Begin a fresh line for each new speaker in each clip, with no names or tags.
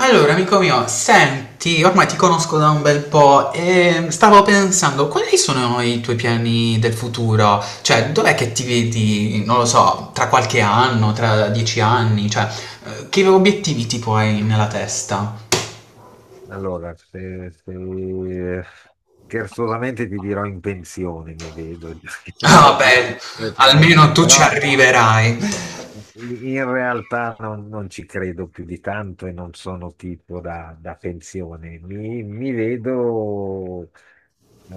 Allora, amico mio, senti, ormai ti conosco da un bel po' e stavo pensando, quali sono i tuoi piani del futuro? Cioè, dov'è che ti vedi, non lo so, tra qualche anno, tra 10 anni? Che obiettivi tipo hai nella testa?
Allora, scherzosamente ti dirò in pensione, mi vedo, perché
Ah,
ho
beh,
57 anni,
almeno tu ci
però
arriverai.
in realtà non ci credo più di tanto e non sono tipo da pensione. Mi vedo eh,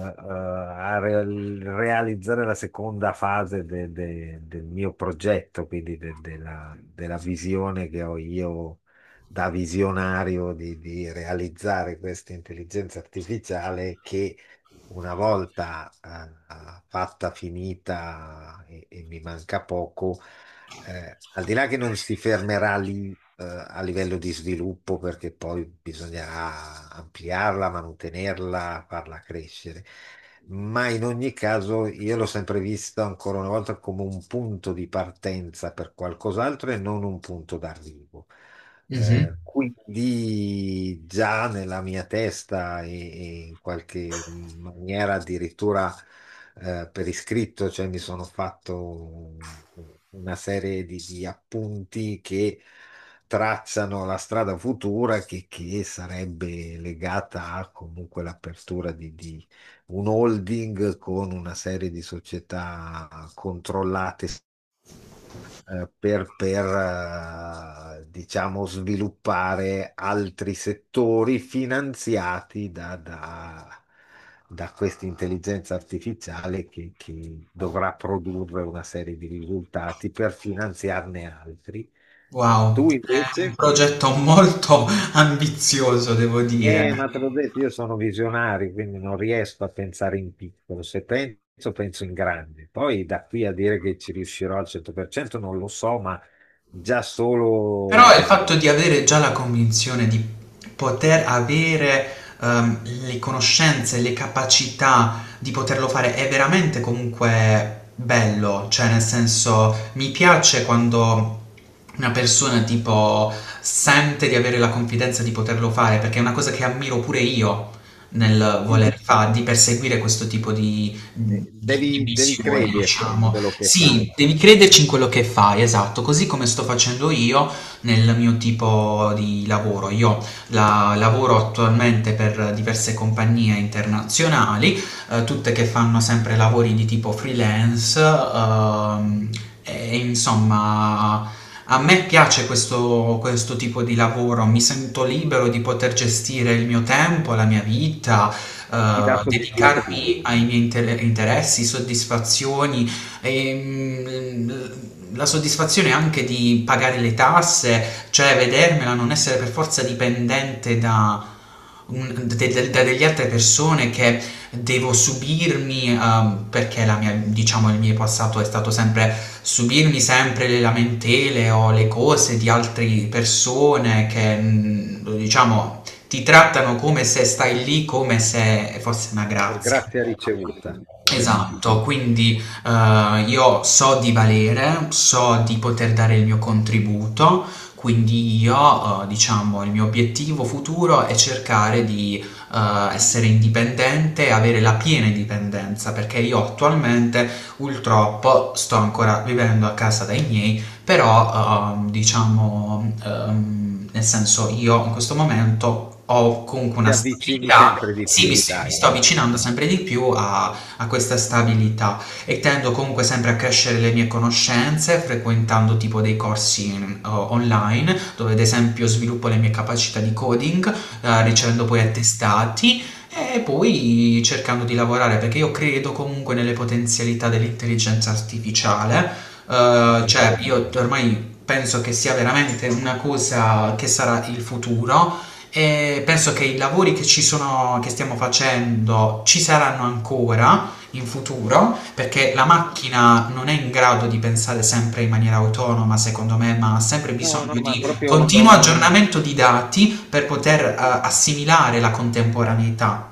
eh, a re- realizzare la seconda fase del mio progetto, quindi della visione che ho io da visionario di realizzare questa intelligenza artificiale che una volta fatta, finita e mi manca poco, al di là che non si fermerà lì, a livello di sviluppo, perché poi bisognerà ampliarla, mantenerla, farla crescere. Ma in ogni caso io l'ho sempre vista ancora una volta come un punto di partenza per qualcos'altro e non un punto d'arrivo.
Mhm.
Quindi già nella mia testa e in qualche maniera addirittura, per iscritto, cioè mi sono fatto una serie di appunti che tracciano la strada futura che sarebbe legata a comunque l'apertura di un holding con una serie di società controllate, diciamo, sviluppare altri settori finanziati da questa intelligenza artificiale che dovrà produrre una serie di risultati per finanziarne altri.
Wow,
Tu
è un
invece?
progetto molto ambizioso, devo dire.
Ma te l'ho detto, io sono visionario, quindi non riesco a pensare in piccolo. Se penso, penso in grande. Poi da qui a dire che ci riuscirò al 100% non lo so, ma già
Però il
solo,
fatto di avere già la convinzione di poter avere, le conoscenze, le capacità di poterlo fare è veramente comunque bello, cioè nel senso mi piace quando una persona tipo sente di avere la confidenza di poterlo fare, perché è una cosa che ammiro pure io nel
sì,
voler fare, di perseguire questo tipo di
devi
missione,
crederci in
diciamo.
quello che
Sì,
fai.
devi crederci in quello che fai, esatto, così come sto facendo io, nel mio tipo di lavoro. Io lavoro attualmente per diverse compagnie internazionali, tutte che fanno sempre lavori di tipo freelance,
Mhm.
e insomma. A me piace questo, questo tipo di lavoro, mi sento libero di poter gestire il mio tempo, la mia vita,
Ti dà
dedicarmi
soddisfazione
ai miei interessi, soddisfazioni, e, mm, la soddisfazione anche di pagare le tasse, cioè vedermela, non essere per forza dipendente da, da delle altre persone che devo subirmi, perché diciamo, il mio passato è stato sempre subirmi sempre le lamentele o le cose di altre persone che, diciamo, ti trattano come se stai lì, come se fosse una
per
grazia.
grazia ricevuta, come si
Esatto,
dice.
quindi io so di valere, so di poter dare il mio contributo, quindi io, diciamo, il mio obiettivo futuro è cercare di essere indipendente e avere la piena indipendenza, perché io attualmente purtroppo sto ancora vivendo a casa dai miei, però diciamo, nel senso io in questo momento ho comunque
Ti
una
avvicini
stabilità,
sempre di
sì, mi,
più,
mi
dai,
sto avvicinando
ecco,
sempre di più a questa stabilità e tendo comunque sempre a crescere le mie conoscenze frequentando tipo dei corsi online dove ad esempio sviluppo le mie capacità di coding ricevendo poi attestati e poi cercando di lavorare perché io credo comunque nelle potenzialità dell'intelligenza artificiale. Cioè,
assolutamente.
io ormai penso che sia veramente una cosa che sarà il futuro e penso che i lavori che ci sono, che stiamo facendo ci saranno ancora in futuro, perché la macchina non è in grado di pensare sempre in maniera autonoma, secondo me, ma ha sempre
No, no,
bisogno
ma
di
proprio
continuo
no,
aggiornamento di dati per poter
sì,
assimilare la contemporaneità.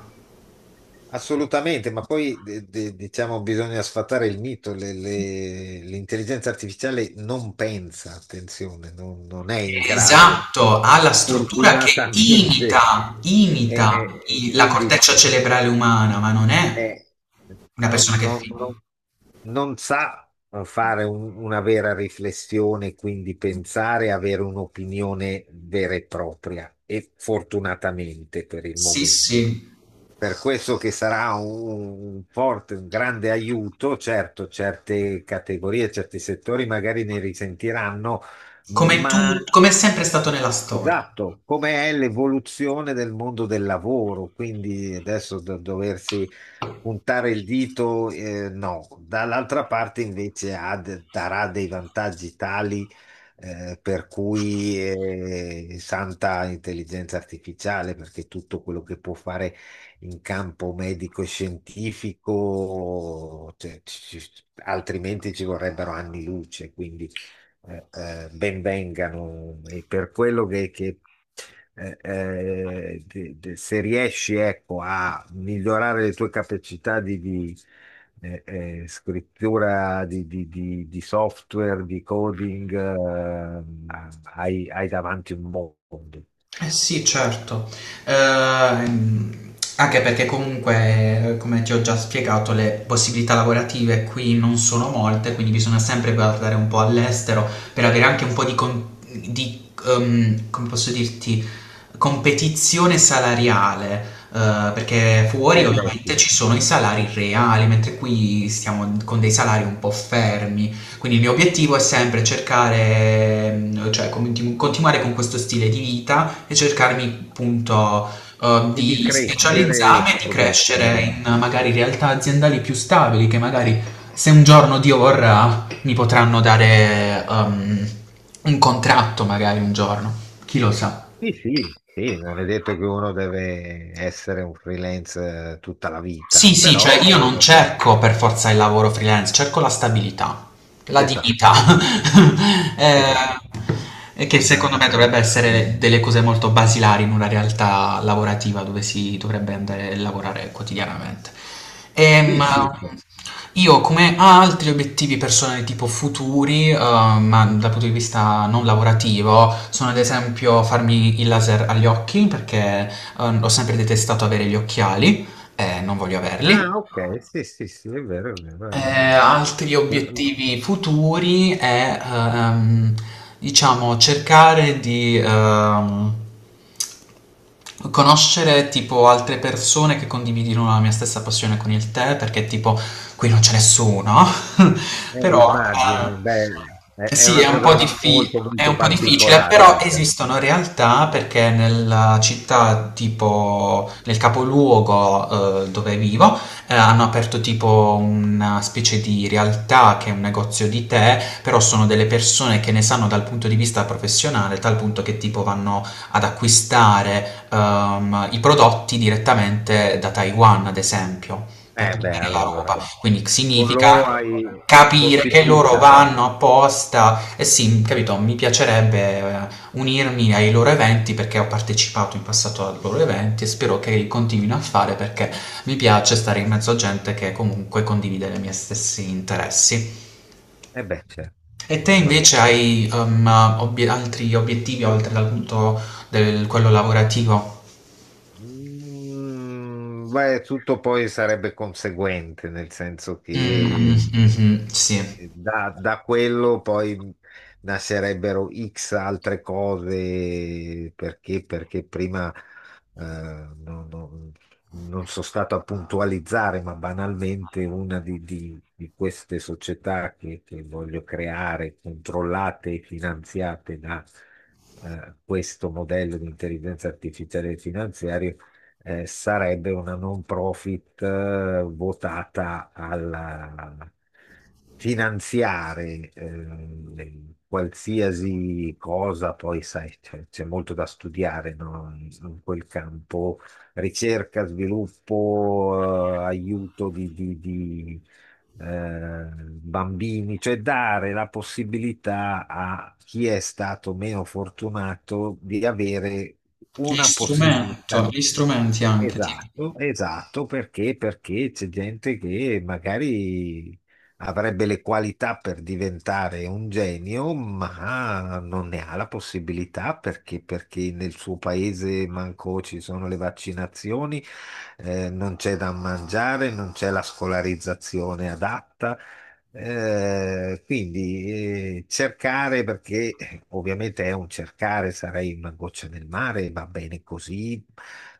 assolutamente, ma poi diciamo bisogna sfatare il mito, l'intelligenza artificiale non pensa, attenzione, non è in grado,
Esatto, ha la struttura che
fortunatamente.
imita la
Quindi
corteccia cerebrale umana, ma non è
eh,
una persona
non,
che
non-
filma.
non- non sa fare una vera riflessione, quindi pensare, avere un'opinione vera e propria, e fortunatamente per il
Sì, sì,
momento. Per questo che sarà un forte, un grande aiuto, certo, certe categorie, certi settori magari ne risentiranno,
come
ma
tu, come è sempre stato nella storia.
esatto, come è l'evoluzione del mondo del lavoro, quindi adesso da doversi puntare il dito, no, dall'altra parte invece darà dei vantaggi tali, per cui, santa intelligenza artificiale, perché tutto quello che può fare in campo medico e scientifico, cioè, altrimenti ci vorrebbero anni luce, quindi ben vengano e per quello che, se riesci, ecco, a migliorare le tue capacità eh, scrittura, di software, di coding, hai davanti un mondo.
Eh sì, certo. Anche perché comunque, come ti ho già spiegato, le possibilità lavorative qui non sono molte, quindi bisogna sempre guardare un po' all'estero per avere anche un po' come posso dirti, competizione salariale. Perché fuori
Eh beh,
ovviamente
sì.
ci sono i salari reali, mentre qui stiamo con dei salari un po' fermi. Quindi il mio obiettivo è sempre cercare, cioè continuare con questo stile di vita musica e cercarmi appunto
E di
di
crescere
specializzarmi e di crescere
progressivamente.
in magari realtà aziendali più stabili che magari se un giorno Dio vorrà mi potranno dare un contratto magari un giorno, chi lo sa.
Sì, sì, sì, non è detto che uno deve essere un freelance, tutta la vita,
Sì, sì, cioè io non
però
cerco per forza il lavoro freelance, cerco la stabilità, la dignità,
esatto,
eh,
esatto.
e che
Non,
secondo me dovrebbe essere delle cose molto basilari in una realtà lavorativa dove si dovrebbe andare a lavorare quotidianamente.
sì,
Ehm,
sì.
io come altri obiettivi personali tipo futuri, ma dal punto di vista non lavorativo, sono ad esempio farmi il laser agli occhi perché ho sempre detestato avere gli occhiali. Non voglio
Ah,
averli.
ok, sì, sì, sì, è vero, è
Eh,
vero.
Altri
è-
obiettivi futuri è, ehm, diciamo, cercare di, conoscere tipo altre persone che condividono la mia stessa passione con il tè, perché tipo qui non c'è nessuno,
eh,
però
immagino, beh, è
sì,
una
è un
cosa
po'
molto,
è
molto
un po' difficile,
particolare,
però
dice.
esistono realtà perché nella città, tipo nel capoluogo dove vivo, hanno aperto tipo una specie di realtà che è un negozio di tè, però sono delle persone che ne sanno dal punto di vista professionale, tal punto che tipo vanno ad acquistare i prodotti direttamente da Taiwan, ad esempio, per
Beh,
portare la roba.
allora,
Quindi
con loro
significa
hai
capire che loro
possibilità.
vanno apposta. E sì, capito, mi piacerebbe unirmi ai loro eventi perché ho partecipato in passato ai loro eventi e spero che li continuino a fare perché mi piace stare in mezzo a gente che comunque condivide i miei stessi interessi.
Beh, certo,
E te
sono
invece
d'accordo.
hai altri obiettivi oltre dal punto del quello lavorativo?
Mm, beh, tutto poi sarebbe conseguente, nel senso che
Mh-mh, sì.
da quello poi nascerebbero X altre cose, perché, perché prima non sono stato a puntualizzare, ma banalmente una di queste società che voglio creare, controllate e finanziate da, questo modello di intelligenza artificiale finanziaria, sarebbe una non profit, votata al finanziare, qualsiasi cosa, poi sai, c'è molto da studiare, no? In quel campo ricerca, sviluppo, aiuto di, bambini, cioè dare la possibilità a chi è stato meno fortunato di avere una possibilità.
Gli strumenti anche, tipo.
Esatto, esatto, perché? Perché c'è gente che magari avrebbe le qualità per diventare un genio, ma non ne ha la possibilità perché, perché nel suo paese manco ci sono le vaccinazioni, non c'è da mangiare, non c'è la scolarizzazione adatta. Quindi, cercare, perché, ovviamente è un cercare, sarei una goccia nel mare, va bene così,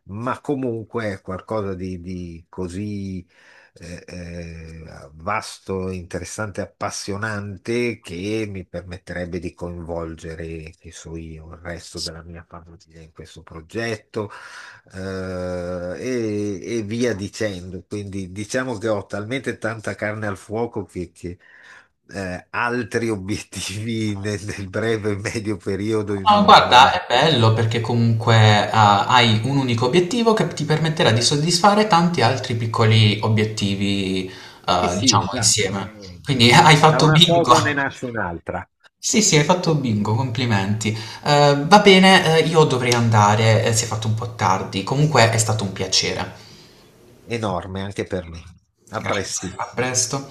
ma comunque è qualcosa di così eh, eh, vasto, interessante, appassionante, che mi permetterebbe di coinvolgere, che so io, il resto della mia famiglia in questo progetto, eh, e via dicendo. Quindi diciamo che ho talmente tanta carne al fuoco altri obiettivi nel, nel breve e medio periodo io
No,
non, non me
guarda,
li-
è bello perché comunque ah, hai un unico obiettivo che ti permetterà di soddisfare tanti altri piccoli obiettivi,
Sì, sì,
diciamo,
esatto.
insieme. Quindi hai
Da
fatto
una
bingo.
cosa ne nasce un'altra,
Sì, sì, hai fatto bingo, complimenti. Va bene, io dovrei andare, si è fatto un po' tardi. Comunque è stato un piacere.
enorme anche per me. A presto.
Grazie, a presto.